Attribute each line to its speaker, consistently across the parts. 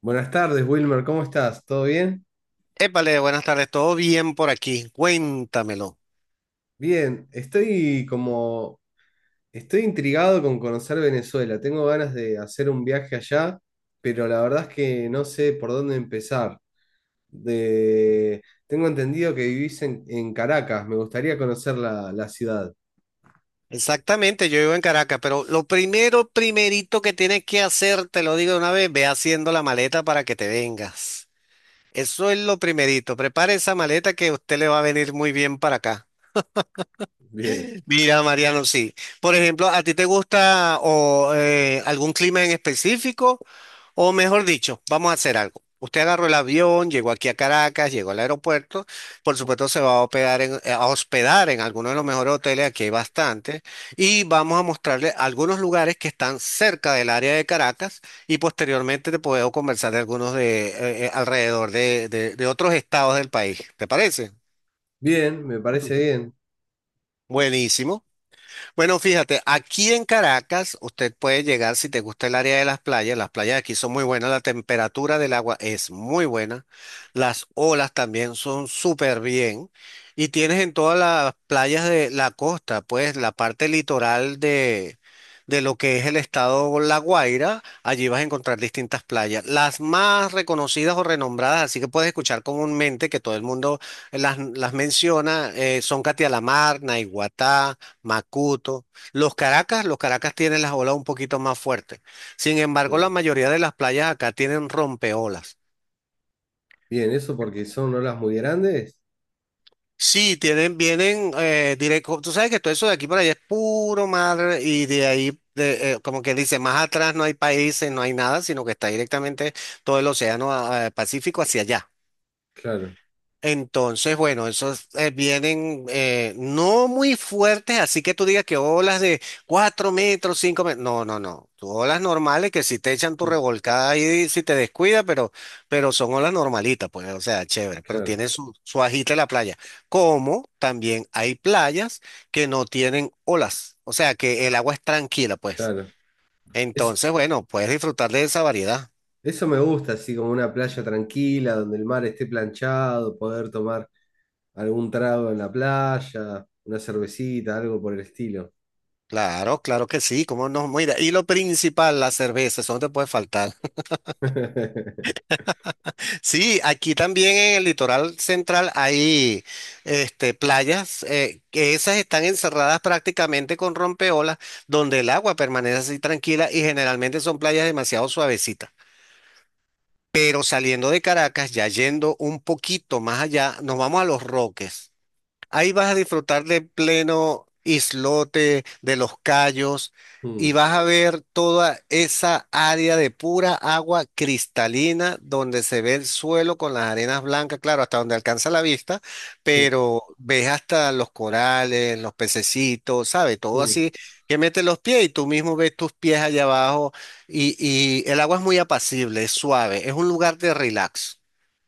Speaker 1: Buenas tardes, Wilmer, ¿cómo estás? ¿Todo bien?
Speaker 2: Épale, buenas tardes, todo bien por aquí, cuéntamelo.
Speaker 1: Bien, estoy intrigado con conocer Venezuela. Tengo ganas de hacer un viaje allá, pero la verdad es que no sé por dónde empezar. De, Tengo entendido que vivís en Caracas, me gustaría conocer la ciudad.
Speaker 2: Exactamente, yo vivo en Caracas, pero lo primero, primerito que tienes que hacer, te lo digo de una vez, ve haciendo la maleta para que te vengas. Eso es lo primerito, prepare esa maleta que a usted le va a venir muy bien para acá.
Speaker 1: Bien,
Speaker 2: Mira, Mariano, sí. Por ejemplo, ¿a ti te gusta o algún clima en específico? O mejor dicho, vamos a hacer algo. Usted agarró el avión, llegó aquí a Caracas, llegó al aeropuerto. Por supuesto, se va a hospedar en alguno de los mejores hoteles, aquí hay bastantes, y vamos a mostrarle algunos lugares que están cerca del área de Caracas y posteriormente te puedo conversar de algunos de alrededor de otros estados del país. ¿Te parece?
Speaker 1: bien, me parece bien.
Speaker 2: Buenísimo. Bueno, fíjate, aquí en Caracas usted puede llegar si te gusta el área de las playas. Las playas aquí son muy buenas, la temperatura del agua es muy buena, las olas también son súper bien y tienes en todas las playas de la costa, pues la parte litoral de lo que es el estado La Guaira, allí vas a encontrar distintas playas, las más reconocidas o renombradas, así que puedes escuchar comúnmente que todo el mundo las menciona, son Catialamar, Naiguatá. Macuto. Los Caracas tienen las olas un poquito más fuertes. Sin embargo,
Speaker 1: Mm.
Speaker 2: la mayoría de las playas acá tienen rompeolas.
Speaker 1: Bien, eso porque son olas muy grandes.
Speaker 2: Sí, tienen, vienen directo. Tú sabes que todo eso de aquí para allá es puro mar y de ahí, de, como que dice, más atrás no hay países, no hay nada, sino que está directamente todo el océano Pacífico hacia allá.
Speaker 1: Claro,
Speaker 2: Entonces, bueno, esos vienen no muy fuertes, así que tú digas que olas de 4 metros, 5 metros. No, no, no. Tú olas normales que si te echan tu
Speaker 1: mm,
Speaker 2: revolcada ahí, si te descuida, pero son olas normalitas, pues, o sea, chévere, pero
Speaker 1: claro,
Speaker 2: tiene su, su agite la playa. Como también hay playas que no tienen olas, o sea, que el agua es tranquila, pues.
Speaker 1: claro. Es,
Speaker 2: Entonces, bueno, puedes disfrutar de esa variedad.
Speaker 1: Eso me gusta, así como una playa tranquila, donde el mar esté planchado, poder tomar algún trago en la playa, una cervecita, algo por el estilo.
Speaker 2: Claro, claro que sí, cómo no, mira, y lo principal, la cerveza, eso no te puede faltar. Sí, aquí también en el litoral central hay este, playas que esas están encerradas prácticamente con rompeolas, donde el agua permanece así tranquila y generalmente son playas demasiado suavecitas. Pero saliendo de Caracas, ya yendo un poquito más allá, nos vamos a Los Roques. Ahí vas a disfrutar de pleno islote, de los cayos, y
Speaker 1: Mm,
Speaker 2: vas a ver toda esa área de pura agua cristalina donde se ve el suelo con las arenas blancas, claro, hasta donde alcanza la vista,
Speaker 1: sí,
Speaker 2: pero ves hasta los corales, los pececitos, ¿sabes? Todo
Speaker 1: mm,
Speaker 2: así que metes los pies y tú mismo ves tus pies allá abajo y, y el agua es muy apacible, es suave, es un lugar de relax.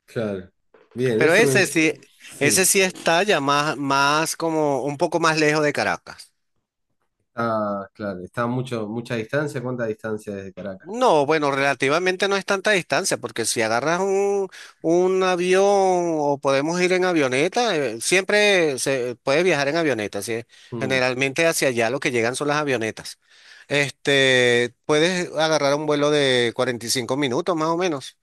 Speaker 1: claro. Bien,
Speaker 2: Pero
Speaker 1: eso me... Sí,
Speaker 2: ese sí está ya más, más como un poco más lejos de Caracas.
Speaker 1: ah, claro, está mucho, mucha distancia. ¿Cuánta distancia desde Caracas?
Speaker 2: No, bueno, relativamente no es tanta distancia, porque si agarras un avión o podemos ir en avioneta, siempre se puede viajar en avioneta, ¿sí?
Speaker 1: Mm,
Speaker 2: Generalmente hacia allá lo que llegan son las avionetas. Este, puedes agarrar un vuelo de 45 minutos más o menos.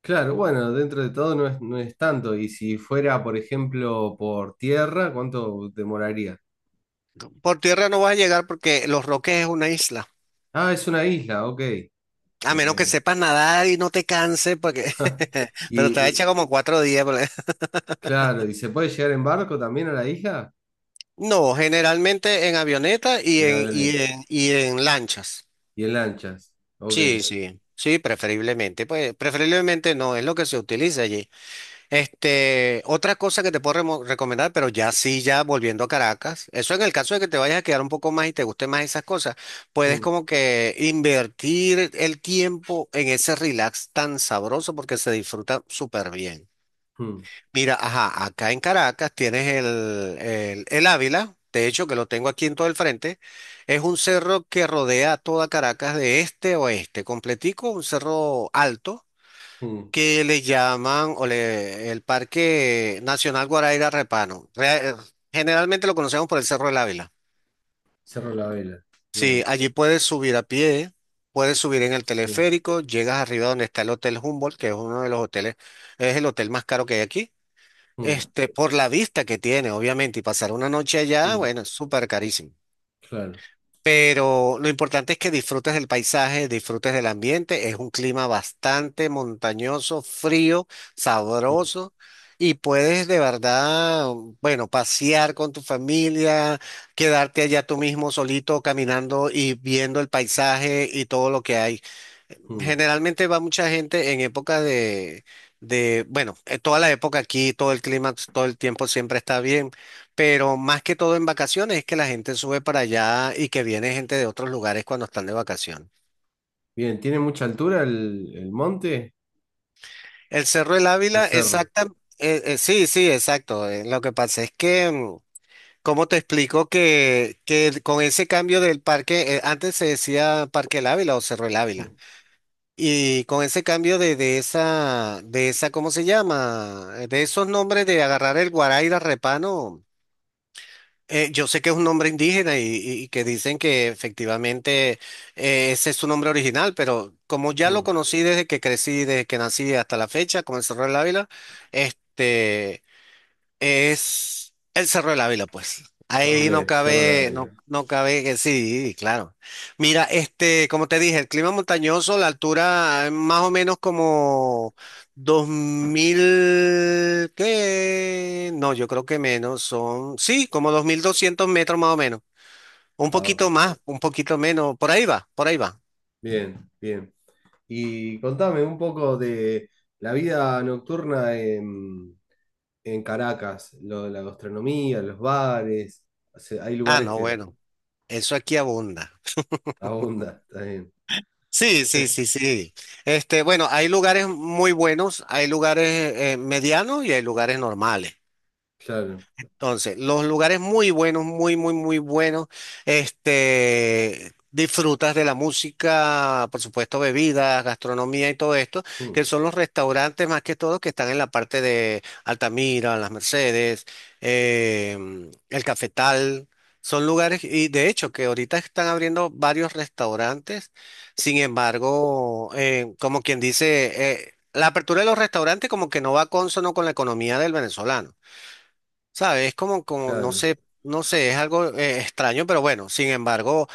Speaker 1: claro, bueno, dentro de todo no es tanto. Y si fuera, por ejemplo, por tierra, ¿cuánto demoraría?
Speaker 2: Por tierra no vas a llegar porque Los Roques es una isla.
Speaker 1: Ah, es una isla, ok.
Speaker 2: A
Speaker 1: Ok.
Speaker 2: menos que sepas nadar y no te canses, porque... pero te va a
Speaker 1: ¿Y,
Speaker 2: echar como 4 días.
Speaker 1: Claro, ¿y se puede llegar en barco también a la isla?
Speaker 2: No, generalmente en avioneta
Speaker 1: En avioneta
Speaker 2: y en lanchas.
Speaker 1: y en lanchas. Ok.
Speaker 2: Sí, sí, sí, preferiblemente. Pues preferiblemente no, es lo que se utiliza allí. Este, otra cosa que te puedo recomendar, pero ya sí, ya volviendo a Caracas, eso en el caso de que te vayas a quedar un poco más y te guste más esas cosas, puedes
Speaker 1: Mm,
Speaker 2: como que invertir el tiempo en ese relax tan sabroso porque se disfruta súper bien.
Speaker 1: mm,
Speaker 2: Mira, ajá, acá en Caracas tienes el, el Ávila, de hecho que lo tengo aquí en todo el frente, es un cerro que rodea a toda Caracas de este a oeste, completico, un cerro alto
Speaker 1: mm.
Speaker 2: que le llaman el Parque Nacional Guaraíra Repano. Generalmente lo conocemos por el Cerro del Ávila.
Speaker 1: Cerro la vela.
Speaker 2: Sí,
Speaker 1: Bien.
Speaker 2: allí puedes subir a pie, puedes subir en el
Speaker 1: Sí.
Speaker 2: teleférico, llegas arriba donde está el Hotel Humboldt, que es uno de los hoteles, es el hotel más caro que hay aquí.
Speaker 1: Mm,
Speaker 2: Este, por la vista que tiene, obviamente, y pasar una noche allá,
Speaker 1: mm,
Speaker 2: bueno, es súper carísimo.
Speaker 1: claro.
Speaker 2: Pero lo importante es que disfrutes del paisaje, disfrutes del ambiente. Es un clima bastante montañoso, frío,
Speaker 1: Mm,
Speaker 2: sabroso. Y puedes de verdad, bueno, pasear con tu familia, quedarte allá tú mismo solito caminando y viendo el paisaje y todo lo que hay.
Speaker 1: mm.
Speaker 2: Generalmente va mucha gente en época de, bueno, toda la época aquí, todo el clima, todo el tiempo siempre está bien, pero más que todo en vacaciones es que la gente sube para allá y que viene gente de otros lugares cuando están de vacaciones.
Speaker 1: Bien, ¿tiene mucha altura el monte?
Speaker 2: El Cerro del
Speaker 1: El
Speaker 2: Ávila,
Speaker 1: cerro.
Speaker 2: exacta, sí, sí, exacto. Lo que pasa es que, ¿cómo te explico que con ese cambio del parque, antes se decía Parque El Ávila o Cerro del
Speaker 1: Mm,
Speaker 2: Ávila? Y con ese cambio de esa, ¿cómo se llama? De esos nombres de agarrar el Guaraira Repano, yo sé que es un nombre indígena y, y que dicen que efectivamente ese es su nombre original, pero como ya lo
Speaker 1: mm.
Speaker 2: conocí desde que crecí, desde que nací hasta la fecha, con el Cerro del Ávila, este. Es el Cerro de la Vila, pues. Ahí no
Speaker 1: Ok, cerro la
Speaker 2: cabe,
Speaker 1: vela.
Speaker 2: no, no cabe que sí, claro. Mira, este, como te dije, el clima montañoso, la altura más o menos como 2000 ¿qué? No, yo creo que menos, son, sí, como 2200 metros más o menos. Un
Speaker 1: Ah,
Speaker 2: poquito
Speaker 1: ok.
Speaker 2: más, un poquito menos, por ahí va, por ahí va.
Speaker 1: Bien, bien. Y contame un poco de la vida nocturna en Caracas, lo de la gastronomía, los bares. O sea, hay
Speaker 2: Ah,
Speaker 1: lugares
Speaker 2: no,
Speaker 1: que.
Speaker 2: bueno, eso aquí abunda.
Speaker 1: Abunda, está bien.
Speaker 2: Sí, sí, sí, sí. Este, bueno, hay lugares muy buenos, hay lugares medianos y hay lugares normales.
Speaker 1: Claro,
Speaker 2: Entonces, los lugares muy buenos, muy, muy, muy buenos. Este, disfrutas de la música, por supuesto, bebidas, gastronomía y todo esto,
Speaker 1: mm,
Speaker 2: que son los restaurantes más que todo que están en la parte de Altamira, Las Mercedes, el Cafetal. Son lugares, y de hecho, que ahorita están abriendo varios restaurantes. Sin embargo, como quien dice, la apertura de los restaurantes como que no va consono con la economía del venezolano. ¿Sabes? Es como, como, no
Speaker 1: claro,
Speaker 2: sé, no sé, es algo extraño, pero bueno, sin embargo,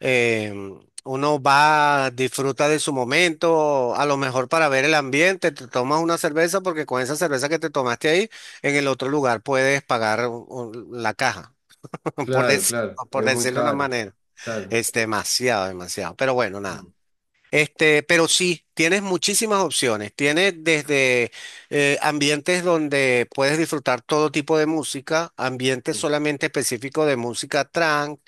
Speaker 2: em, uno va, disfruta de su momento, a lo mejor para ver el ambiente, te tomas una cerveza, porque con esa cerveza que te tomaste ahí, en el otro lugar puedes pagar la caja, por
Speaker 1: claro,
Speaker 2: decir-
Speaker 1: claro.
Speaker 2: por
Speaker 1: Es muy
Speaker 2: decirlo de una
Speaker 1: caro.
Speaker 2: manera.
Speaker 1: Claro.
Speaker 2: Es demasiado, demasiado, pero bueno,
Speaker 1: Mm,
Speaker 2: nada. Este, pero sí, tienes muchísimas opciones. Tienes desde ambientes donde puedes disfrutar todo tipo de música, ambientes
Speaker 1: mm,
Speaker 2: solamente específicos de música trance,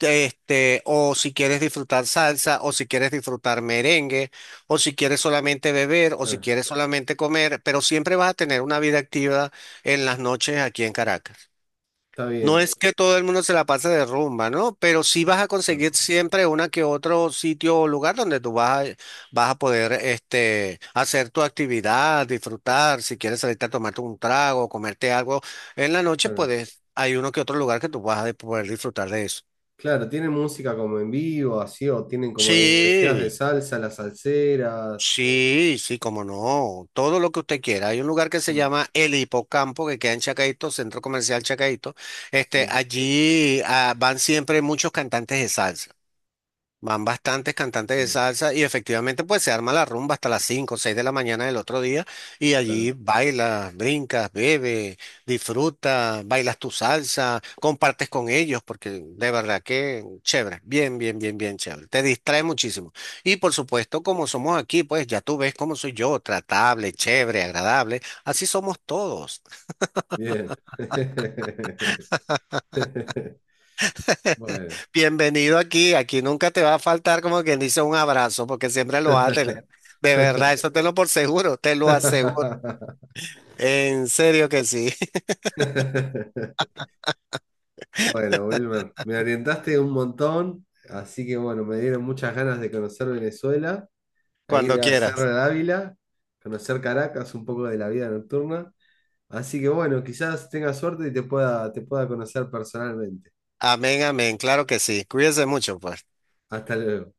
Speaker 2: este, o si quieres disfrutar salsa, o si quieres disfrutar merengue, o si quieres solamente beber, o si
Speaker 1: claro.
Speaker 2: quieres solamente comer, pero siempre vas a tener una vida activa en las noches aquí en Caracas.
Speaker 1: Está
Speaker 2: No
Speaker 1: bien.
Speaker 2: es que todo el mundo se la pase de rumba, ¿no? Pero sí vas a
Speaker 1: No,
Speaker 2: conseguir siempre una que otro sitio o lugar donde tú vas a, vas a poder este, hacer tu actividad, disfrutar. Si quieres salirte a tomarte un trago, comerte algo en la noche,
Speaker 1: claro.
Speaker 2: puedes, hay uno que otro lugar que tú vas a poder disfrutar de eso.
Speaker 1: Claro, tienen música como en vivo, así, o tienen como decías de
Speaker 2: Sí,
Speaker 1: salsa, las salseras.
Speaker 2: sí, sí, como no. Todo lo que usted quiera. Hay un lugar que se
Speaker 1: Mm,
Speaker 2: llama El Hipocampo, que queda en Chacaito, Centro Comercial Chacaito. Este,
Speaker 1: sí,
Speaker 2: allí van siempre muchos cantantes de salsa. Van bastantes cantantes de
Speaker 1: bien,
Speaker 2: salsa y efectivamente pues se arma la rumba hasta las 5 o 6 de la mañana del otro día y
Speaker 1: claro.
Speaker 2: allí bailas, brincas, bebes, disfrutas, bailas tu salsa, compartes con ellos porque de verdad que chévere, bien, bien, bien, bien chévere, te distrae muchísimo. Y por supuesto como somos aquí pues ya tú ves cómo soy yo, tratable, chévere, agradable, así somos todos.
Speaker 1: Bien. Bueno.
Speaker 2: Bienvenido aquí, aquí nunca te va a faltar como quien dice un abrazo, porque siempre lo vas a tener. De verdad, eso te lo por seguro, te lo aseguro. En serio que sí,
Speaker 1: Bueno, Wilmer, me orientaste un montón, así que bueno, me dieron muchas ganas de conocer Venezuela, a
Speaker 2: cuando
Speaker 1: ir a Cerro
Speaker 2: quieras.
Speaker 1: de Ávila, conocer Caracas, un poco de la vida nocturna. Así que bueno, quizás tenga suerte y te pueda conocer personalmente.
Speaker 2: Amén, amén, claro que sí. Cuídense mucho, pues.
Speaker 1: Hasta luego.